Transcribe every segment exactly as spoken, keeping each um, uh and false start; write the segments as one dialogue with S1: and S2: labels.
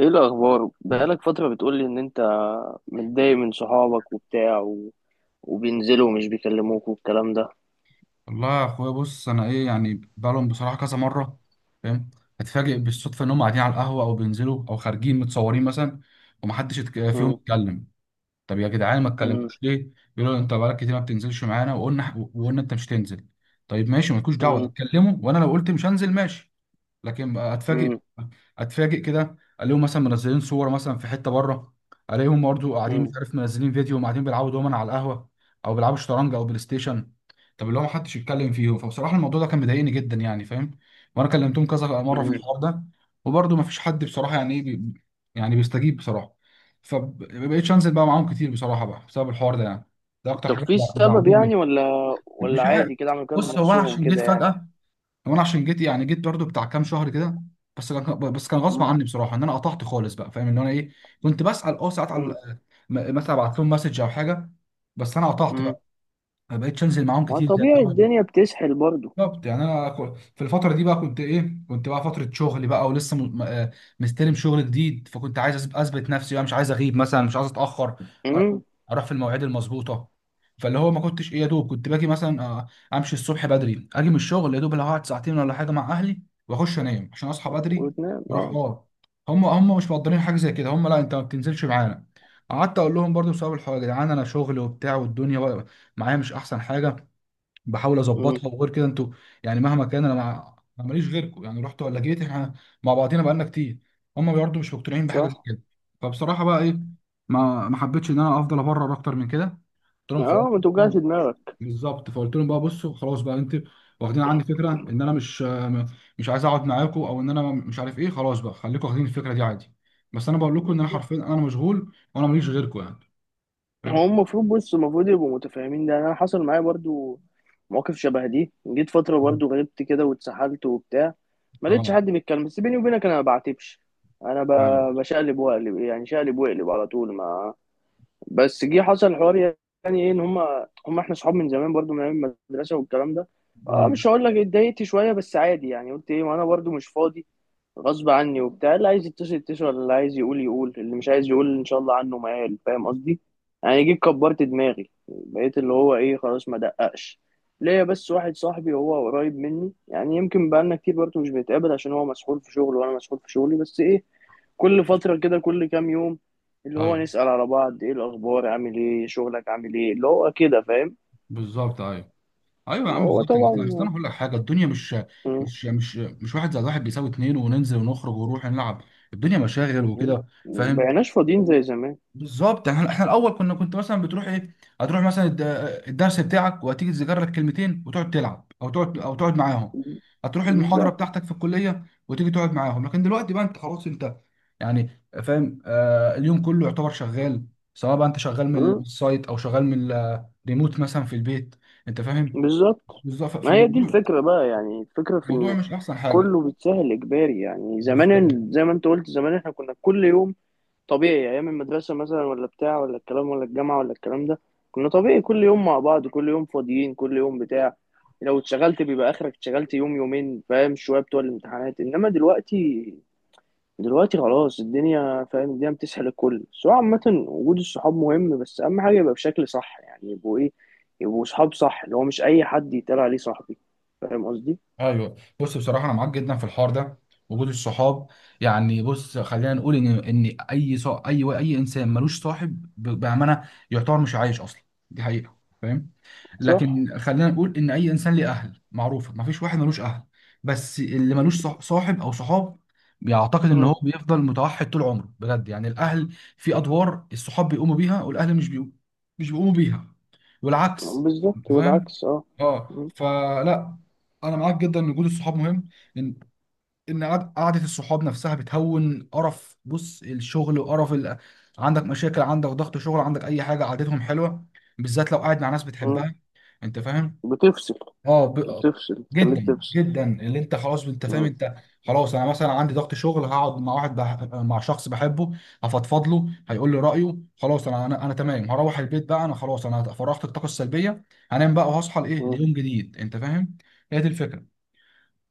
S1: ايه الاخبار؟ بقالك فتره بتقولي ان انت متضايق من صحابك وبتاع و... وبينزلوا ومش بيكلموك والكلام ده.
S2: والله يا اخويا، بص انا ايه يعني بقالهم بصراحه كذا مره. فاهم؟ اتفاجئ بالصدفه ان هم قاعدين على القهوه او بينزلوا او خارجين متصورين مثلا، ومحدش يتك- فيهم
S1: مم.
S2: يتكلم. طب يا جدعان، ما
S1: مم.
S2: اتكلمتوش ليه؟ يقولوا انت بقالك كتير ما بتنزلش معانا، وقلنا وقلنا انت مش تنزل. طيب ماشي، مالكوش دعوه
S1: مم.
S2: اتكلموا، وانا لو قلت مش هنزل ماشي. لكن اتفاجئ
S1: مم.
S2: اتفاجئ كده الاقيهم مثلا منزلين صور مثلا في حته بره. الاقيهم برضه قاعدين، مش
S1: مم.
S2: عارف، منزلين فيديو وقاعدين بيلعبوا دومنا على القهوه او بيلعبوا شطرنج او بلاي ستيشن. طب اللي هو محدش يتكلم فيهم، فبصراحه الموضوع ده كان مضايقني جدا يعني. فاهم؟ وانا كلمتهم كذا مره في
S1: مم.
S2: الحوار ده، وبرضه مفيش حد بصراحه، يعني ايه، بي... يعني بيستجيب بصراحه. فبقيتش انزل بقى معاهم كتير بصراحه بقى بسبب الحوار ده يعني. ده اكتر
S1: طب
S2: حاجه
S1: في سبب يعني
S2: مزعلاني.
S1: ولا ولا
S2: مش عارف.
S1: عادي كده عملوا كده من
S2: بص هو انا
S1: نفسهم
S2: عشان جيت
S1: كده يعني.
S2: فجاه، وانا عشان جيت، يعني جيت برضو بتاع كام شهر كده. بس كان بس كان غصب
S1: مم.
S2: عني بصراحه ان انا قطعت خالص بقى. فاهم ان انا ايه؟ كنت بسال اه ساعات على
S1: مم.
S2: م- مثلا ابعت لهم مسج او حاجه. بس انا قطعت
S1: مم.
S2: بقى، ما بقتش انزل معاهم
S1: ما
S2: كتير زي
S1: طبيعي
S2: الاول.
S1: الدنيا بتسحل برضو.
S2: بالظبط، يعني انا كو- في الفتره دي بقى كنت ايه، كنت بقى فتره شغل بقى، ولسه م- م- آه مستلم شغل جديد، فكنت عايز أثب- اثبت نفسي بقى، مش عايز اغيب مثلا، مش عايز اتاخر، أ-
S1: مم.
S2: اروح في المواعيد المظبوطه. فاللي هو ما كنتش ايه، يا دوب كنت باجي مثلا آه، امشي الصبح بدري، اجي من الشغل يا دوب اللي هقعد ساعتين ولا حاجه مع اهلي، واخش انام عشان اصحى بدري.
S1: وتنام
S2: اروح،
S1: اه.
S2: اه. هم هم مش مقدرين حاجه زي كده. هم: لا انت ما بتنزلش معانا. قعدت اقول لهم برضو بسبب الحوار، يا جدعان انا شغل وبتاع والدنيا بقى معايا مش احسن حاجه، بحاول
S1: مم.
S2: اظبطها، وغير كده انتوا يعني مهما كان انا مع أنا ماليش غيركم، يعني رحت ولا جيت، احنا مع بعضينا بقالنا كتير. هم برضه مش مقتنعين بحاجه زي
S1: صح.
S2: كده. فبصراحه بقى ايه، ما ما حبيتش ان انا افضل ابرر اكتر من كده. قلت لهم
S1: اه،
S2: خلاص
S1: ما
S2: بقى-
S1: توجعش
S2: آه،
S1: دماغك.
S2: بالظبط. فقلت لهم بقى بصوا، خلاص بقى انت واخدين عني فكره ان انا مش م- مش عايز اقعد معاكم، او ان انا مش عارف ايه. خلاص بقى خليكم واخدين الفكره دي عادي. بس انا بقول لكم ان انا حرفيا انا مشغول وانا ماليش غيركم يعني.
S1: هو
S2: فاهم؟
S1: المفروض بص المفروض يبقوا متفاهمين، ده انا حصل معايا برضو مواقف شبه دي، جيت فترة
S2: مم.
S1: برضو غلبت كده واتسحلت وبتاع، ما لقيتش
S2: اه،
S1: حد بيتكلم، بس بيني وبينك انا ما بعاتبش. انا
S2: ايوه.
S1: ب- بشقلب واقلب، يعني شقلب واقلب على طول. ما بس جه حصل حوار يعني ايه، ان هما هما احنا صحاب من زمان برضو من ايام المدرسة والكلام ده. اه مش
S2: مم.
S1: هقول لك اتضايقت شوية، بس عادي يعني. قلت ايه، ما انا برضو مش فاضي، غصب عني وبتاع. اللي عايز يتصل يتصل، اللي عايز يقول يقول، اللي مش عايز يقول ان شاء الله عنه ما قال، فاهم قصدي؟ يعني جيت كبرت دماغي، بقيت اللي هو ايه خلاص ما دققش ليا. بس واحد صاحبي هو قريب مني، يعني يمكن بقالنا كتير برضه مش بنتقابل عشان هو مسحول في شغله وانا مسحول في شغلي. بس ايه كل فترة كده كل كام يوم اللي هو
S2: ايوه
S1: نسأل على بعض ايه الاخبار، عامل ايه، شغلك عامل ايه، اللي هو كده فاهم.
S2: بالظبط. ايوه، ايوه يا عم،
S1: هو
S2: بالظبط. اصل أصل انا
S1: طبعا
S2: هقول لك حاجه. الدنيا مش مش مش مش واحد زائد واحد بيساوي اتنين، وننزل ونخرج ونروح نلعب. الدنيا مشاغل وكده. فاهم؟
S1: مبقيناش فاضيين زي زمان.
S2: بالظبط. احنا احنا الاول كنا كنت مثلا بتروح ايه، هتروح مثلا الد- الدرس بتاعك، وهتيجي تذاكر لك كلمتين، وتقعد تلعب او تقعد او تقعد معاهم. هتروح المحاضره
S1: بالظبط.
S2: بتاعتك في الكليه وتيجي تقعد معاهم، لكن دلوقتي بقى انت خلاص انت يعني فاهم، آه اليوم كله يعتبر شغال، سواء بقى انت شغال من السايت او شغال من الريموت مثلا في البيت. انت فاهم؟
S1: بالظبط.
S2: بالظبط.
S1: ما هي دي
S2: فالموضوع
S1: الفكرة بقى، يعني الفكرة في
S2: الموضوع
S1: إن
S2: مش احسن حاجه.
S1: كله بيتسهل إجباري. يعني زمان
S2: بالظبط.
S1: ال- زي ما أنت قلت زمان إحنا كنا كل يوم طبيعي أيام المدرسة مثلا، ولا بتاع، ولا الكلام، ولا الجامعة، ولا الكلام ده. كنا طبيعي كل يوم مع بعض، كل يوم فاضيين، كل يوم بتاع. لو اتشغلت بيبقى آخرك اتشغلت يوم يومين فاهم، شوية بتوع الامتحانات. إنما دلوقتي دلوقتي خلاص الدنيا فاهم، الدنيا بتسحل الكل. بس هو عامة وجود الصحاب مهم، بس أهم حاجة يبقى بشكل صح، يعني يبقوا إيه؟ يبقوا صحاب صح، اللي هو مش أي حد يتقال عليه صاحبي، فاهم قصدي؟
S2: ايوه بص بصراحه، انا معاك جدا في الحوار ده. وجود الصحاب، يعني بص خلينا نقول ان ان اي صا... اي اي انسان ملوش صاحب ب- بامانه يعتبر مش عايش اصلا. دي حقيقه، فاهم؟
S1: صح.
S2: لكن خلينا نقول ان اي انسان ليه اهل، معروفه مفيش واحد ملوش اهل. بس اللي ملوش صح- صاحب او صحاب، يعتقد ان
S1: مم.
S2: هو بيفضل متوحد طول عمره، بجد يعني. الاهل في ادوار الصحاب بيقوموا بيها والاهل مش بيقوموا مش بيقوموا بيها، والعكس.
S1: بالظبط،
S2: فاهم؟
S1: والعكس أه.
S2: اه،
S1: مم.
S2: فلا، انا معاك جدا ان وجود الصحاب مهم، ان ان قعد- قعده الصحاب نفسها بتهون قرف. بص الشغل وقرف ال... عندك مشاكل، عندك ضغط شغل، عندك اي حاجه، قعدتهم حلوه، بالذات لو قاعد مع ناس
S1: مم.
S2: بتحبها. انت فاهم؟
S1: بتفصل.
S2: اه ب...
S1: بتفصل بتخليك
S2: جدا
S1: تفصل.
S2: جدا، اللي انت خلاص، انت فاهم
S1: مم.
S2: انت. خلاص، انا مثلا عندي ضغط شغل، هقعد مع واحد بح... مع شخص بحبه، هفضفض له، هيقول لي رايه، خلاص انا انا انا تمام، هروح البيت بقى، انا خلاص انا فرغت الطاقه السلبيه، هنام بقى وهصحى لايه
S1: مم.
S2: ليوم جديد. انت فاهم؟ هي دي الفكره.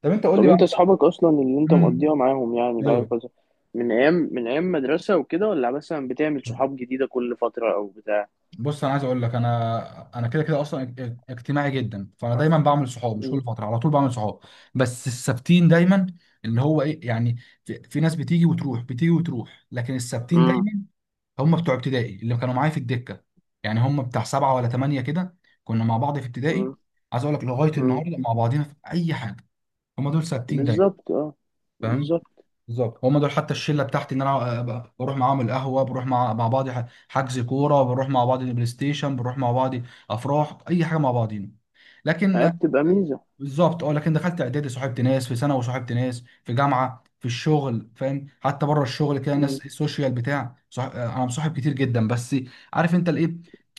S2: طب انت قول لي
S1: طب أنت
S2: بقى.
S1: أصحابك أصلا اللي أنت مقضيها
S2: امم
S1: معاهم يعني بقى
S2: ايوه.
S1: كذا، من أيام من أيام مدرسة وكده، ولا مثلا بتعمل صحاب جديدة كل فترة أو بتاع؟
S2: بص انا عايز اقول لك، انا انا كده كده اصلا اج- اجتماعي جدا، فانا اه دايما بعمل صحاب، مش
S1: مم.
S2: كل فتره، على طول بعمل صحاب، بس الثابتين دايما، اللي هو ايه يعني، في, في ناس بتيجي وتروح بتيجي وتروح، لكن آه. الثابتين
S1: مم.
S2: دايما هم بتوع ابتدائي اللي كانوا معايا في الدكه. يعني هم بتاع سبعه ولا ثمانيه كده، كنا مع بعض في ابتدائي. عايز اقول لك لغايه
S1: مم.
S2: النهارده مع بعضينا في اي حاجه. هم دول ثابتين دايما.
S1: بالظبط اه.
S2: فاهم؟
S1: بالظبط.
S2: بالظبط. هم دول حتى الشله بتاعتي ان انا أبقى- بروح معاهم القهوه، بروح مع مع بعض ح- حجز كوره، بروح مع بعض البلاي ستيشن، بروح مع بعض افراح، اي حاجه مع بعضين.
S1: هي
S2: لكن
S1: بتبقى ميزة.
S2: بالظبط، اه. لكن دخلت اعدادي صاحبت ناس، في ثانوي صاحبت ناس، في جامعه، في الشغل، فاهم، حتى بره الشغل كده
S1: مم.
S2: ناس السوشيال بتاع صح... آه، انا مصاحب كتير جدا، بس عارف انت الايه،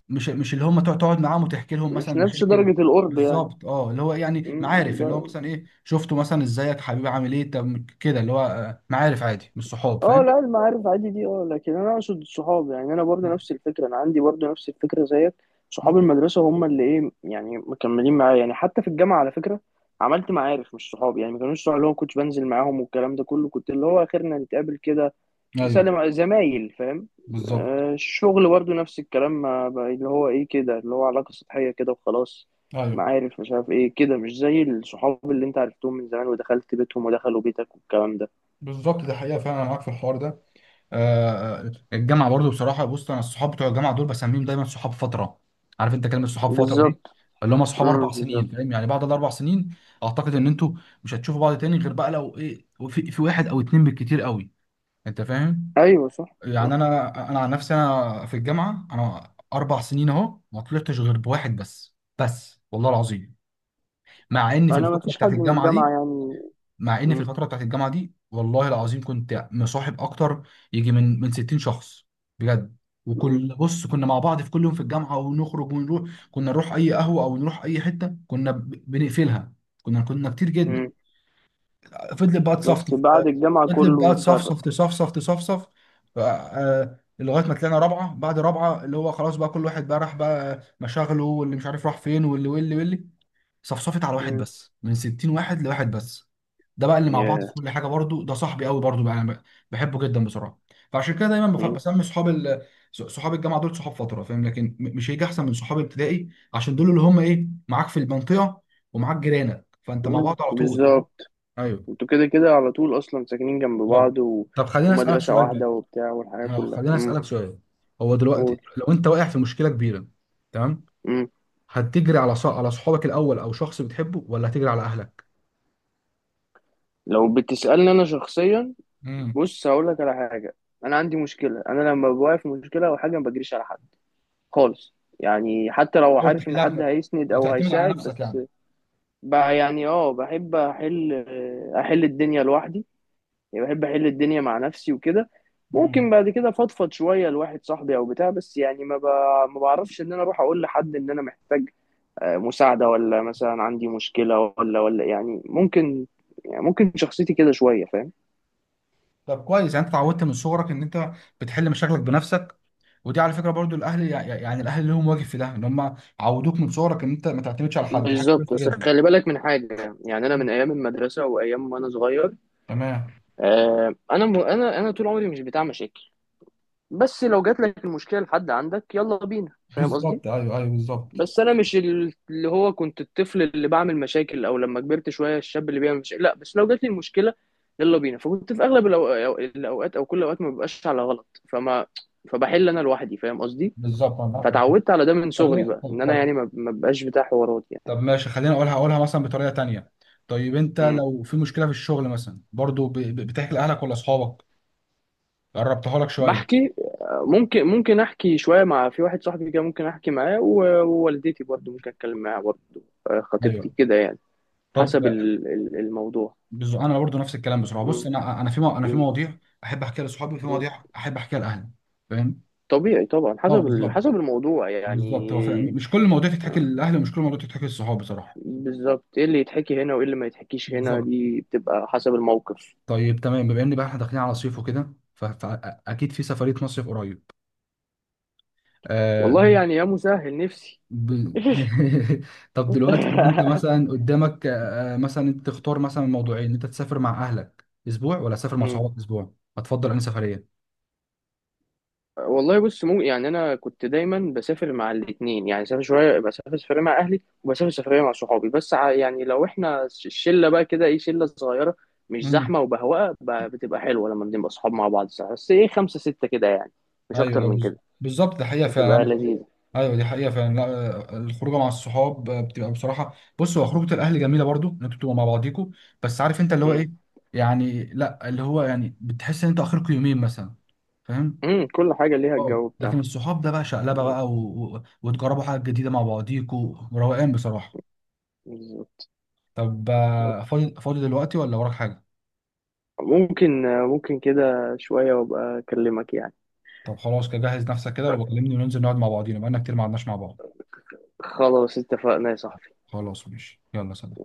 S2: مش مش اللي هم تقعد تقعد معاهم وتحكي لهم مثلا
S1: مش نفس
S2: مشاكل.
S1: درجة القرب يعني.
S2: بالظبط، اه. اللي هو يعني
S1: مم.
S2: معارف، اللي هو
S1: ده
S2: مثلا ايه، شفته مثلا ازيك حبيبي عامل ايه، طب كده اللي هو آه، معارف عادي مش صحاب.
S1: اه،
S2: فاهم؟
S1: لا المعارف عادي دي اه، لكن انا اقصد الصحاب. يعني انا برضه نفس الفكرة، انا عندي برضه نفس الفكرة زيك. صحاب
S2: مم.
S1: المدرسة هم اللي ايه يعني مكملين معايا. يعني حتى في الجامعة على فكرة عملت معارف مش صحاب، يعني ما كانوش صحاب، اللي هو كنت بنزل معاهم والكلام ده كله، كنت اللي هو اخرنا نتقابل كده
S2: ايوه
S1: سلم زمايل فاهم.
S2: بالظبط.
S1: آه، الشغل برضه نفس الكلام، ما بقى- اللي هو ايه كده، اللي هو علاقة سطحية كده وخلاص.
S2: ايوه
S1: معارف مش عارف ايه كده، مش زي الصحاب اللي انت عرفتهم من زمان ودخلت بيتهم ودخلوا بيتك والكلام ده.
S2: بالظبط، دي حقيقه فعلا. انا معاك في الحوار ده. آه، الجامعه برضو بصراحه. بص انا الصحاب بتوع الجامعه دول بسميهم دايما صحاب فتره. عارف انت كلمه صحاب فتره
S1: بالظبط.
S2: دي؟ اللي هم صحاب
S1: امم،
S2: اربع سنين،
S1: بالظبط.
S2: فاهم، يعني بعد الاربع سنين اعتقد ان انتوا مش هتشوفوا بعض تاني، غير بقى لو ايه، في, في واحد او اتنين بالكتير قوي. انت فاهم.
S1: ايوه، صح
S2: يعني
S1: صح.
S2: انا انا عن نفسي، انا في الجامعه انا اربع سنين اهو ما طلعتش غير بواحد، بس بس والله العظيم. مع ان في
S1: انا ما
S2: الفتره
S1: فيش
S2: بتاعت
S1: حد من
S2: الجامعه
S1: الجامعة
S2: دي
S1: يعني.
S2: مع ان في
S1: امم.
S2: الفتره بتاعت الجامعه دي والله العظيم كنت مصاحب اكتر، يجي من من ستين شخص، بجد.
S1: امم.
S2: وكل بص كنا مع بعض في كل يوم في الجامعه، ونخرج ونروح، كنا نروح اي قهوه او نروح اي حته كنا ب- بنقفلها. كنا كنا كتير جدا.
S1: امم.
S2: فضلت بقى تصفصف
S1: بس بعد الجامعة
S2: فضلت
S1: كله
S2: بقى تصفصف
S1: اتفرق.
S2: تصفصف تصفصف، ف- آه، لغايه ما طلعنا رابعه. بعد رابعه اللي هو خلاص بقى، كل واحد بقى راح بقى مشاغله، واللي مش عارف راح فين، واللي واللي واللي، صفصفت على واحد
S1: امم.
S2: بس، من ستين واحد لواحد بس. ده بقى اللي مع بعض في
S1: ياه.
S2: كل حاجه برضو، ده صاحبي قوي برضو بقى، انا ب- بحبه جدا بصراحه. فعشان كده دايما بف-
S1: امم.
S2: بسمي صحاب ال... ص- صحاب الجامعه دول صحاب فتره، فاهم، لكن م- مش هيجي احسن من صحاب ابتدائي. عشان دول اللي هم ايه، معاك في المنطقه ومعاك جيرانك، فانت مع
S1: أمم،
S2: بعض على طول. فاهم؟
S1: بالظبط.
S2: ايوه.
S1: انتوا كده كده على طول اصلا ساكنين جنب
S2: بالظبط.
S1: بعض و...
S2: طب خليني اسالك
S1: ومدرسة
S2: سؤال بقى،
S1: واحدة وبتاع والحياة
S2: اه
S1: كلها.
S2: خليني اسالك سؤال هو دلوقتي
S1: قول.
S2: لو انت واقع في مشكله كبيره، تمام؟
S1: مم.
S2: هتجري على ص... على صحابك الاول او شخص بتحبه، ولا هتجري على اهلك؟
S1: لو بتسألني أنا شخصيا، بص هقول لك على حاجة. أنا عندي مشكلة، أنا لما بوقع في مشكلة أو حاجة ما بجريش على حد خالص، يعني حتى لو
S2: حاول
S1: عارف إن
S2: تحلها
S1: حد
S2: بنفسك.
S1: هيسند أو
S2: بتعتمد على
S1: هيساعد.
S2: نفسك
S1: بس
S2: يعني.
S1: بقى يعني أه بحب أحل، أحل الدنيا لوحدي. يعني بحب أحل الدنيا مع نفسي وكده. ممكن
S2: مم.
S1: بعد كده فضفض شوية لواحد صاحبي أو بتاع، بس يعني ما ب... ما بعرفش إن أنا أروح أقول لحد إن أنا محتاج آه، مساعدة، ولا مثلا عندي مشكلة ولا ولا يعني ممكن، يعني ممكن شخصيتي كده شوية فاهم.
S2: طب كويس، يعني انت اتعودت من صغرك ان انت بتحل مشاكلك بنفسك. ودي على فكره برضو. الاهل يع- يع- يعني الاهل لهم واجب في ده، ان هم عودوك من صغرك ان انت ما تعتمدش على حد. دي حاجه
S1: بالظبط.
S2: كويسه
S1: بس
S2: جدا.
S1: خلي بالك من حاجة، يعني أنا
S2: مم.
S1: من أيام المدرسة وأيام وأنا صغير
S2: تمام.
S1: آه، أنا م... أنا أنا طول عمري مش بتاع مشاكل. بس لو جات لك المشكلة لحد عندك يلا بينا، فاهم قصدي؟
S2: بالظبط، ايوه، ايوه، بالظبط.
S1: بس أنا مش ال- اللي هو كنت الطفل اللي بعمل مشاكل، أو لما كبرت شوية الشاب اللي بيعمل مشاكل، لا، بس لو جات لي المشكلة يلا بينا. فكنت في أغلب الأو... الأو- الأوقات، أو كل الأوقات ما ببقاش على غلط، فما فبحل أنا لوحدي، فاهم قصدي؟
S2: بالظبط انا عارف.
S1: فتعودت على ده من صغري
S2: خليني،
S1: بقى، إن
S2: طب
S1: أنا
S2: طب
S1: يعني ما ما ببقاش بتاع حوارات.
S2: طب ماشي، خليني اقولها اقولها مثلا بطريقه تانيه. طيب، انت
S1: يعني
S2: لو في مشكله في الشغل مثلا برضو ب- ب- بتحكي لاهلك ولا اصحابك؟ قربتها لك شويه.
S1: بحكي، ممكن ممكن احكي شويه مع في واحد صاحبي كده، ممكن احكي معاه و- ووالدتي برضو ممكن اتكلم معاها برضو، آه،
S2: ايوه.
S1: خطيبتي كده يعني.
S2: طب
S1: حسب ال- ال- الموضوع.
S2: بز- انا برضو نفس الكلام بصراحه. بص
S1: م-
S2: انا انا في مو... انا في
S1: م-
S2: مواضيع احب احكيها لاصحابي، وفي
S1: م.
S2: مواضيع احب احكيها لاهلي. فاهم؟
S1: طبيعي طبعا،
S2: اه،
S1: حسب ال-
S2: بالظبط.
S1: حسب الموضوع
S2: بالظبط،
S1: يعني.
S2: هو فاهم مش كل المواضيع تتحكي
S1: آه،
S2: للاهل، ومش كل المواضيع تتحكي للصحاب بصراحه.
S1: بالظبط. ايه اللي يتحكي هنا وايه اللي ما يتحكيش هنا
S2: بالظبط.
S1: دي بتبقى حسب الموقف.
S2: طيب تمام، بما ان بقى احنا داخلين على صيف وكده، فاكيد في سفريه مصيف قريب. آه
S1: والله يعني يا مسهل، نفسي.
S2: ب... طب دلوقتي لو انت مثلا قدامك آه مثلا انت تختار مثلا موضوعين: انت تسافر مع اهلك اسبوع ولا تسافر مع صحابك اسبوع؟ هتفضل انهي سفريه؟
S1: والله بص مو يعني انا كنت دايما بسافر مع الاثنين، يعني سافر شويه، بسافر سفريه مع اهلي وبسافر سفريه مع صحابي. بس ع- يعني لو احنا ش- الشله بقى كده ايه شله صغيره، مش
S2: امم
S1: زحمه وبهواه ب- بتبقى حلوه لما بنبقى صحاب مع بعض ساعة. بس ايه خمسه سته كده يعني، مش
S2: ايوه،
S1: اكتر
S2: أيوة،
S1: من
S2: بالظبط
S1: كده.
S2: بالظبط، ده حقيقه
S1: بتبقى
S2: فعلا.
S1: لذيذه.
S2: ايوه دي حقيقه فعلا، لا. آه، الخروجه مع الصحاب آه، بتبقى بصراحه. بص هو خروجه الاهل جميله برضو ان انتوا بتبقوا مع بعضيكوا، بس عارف انت اللي هو
S1: امم.
S2: ايه يعني؟ لا، اللي هو يعني بتحس ان انت اخركوا يومين مثلا، فاهم.
S1: أمم، كل حاجه ليها
S2: اه،
S1: الجو
S2: لكن
S1: بتاعها.
S2: الصحاب ده بقى شقلبه بقى و... و... وتجربوا حاجه جديده مع بعضيكوا، روقان بصراحه.
S1: بالظبط.
S2: طب آه، فاضي فاضي دلوقتي ولا وراك حاجه؟
S1: ممكن ممكن كده شويه وابقى اكلمك يعني.
S2: طب خلاص، كده جهز نفسك كده وبكلمني وننزل نقعد مع بعضينا بقالنا كتير ما قعدناش مع بعض.
S1: خلاص اتفقنا يا صاحبي.
S2: خلاص ماشي، يلا سلام.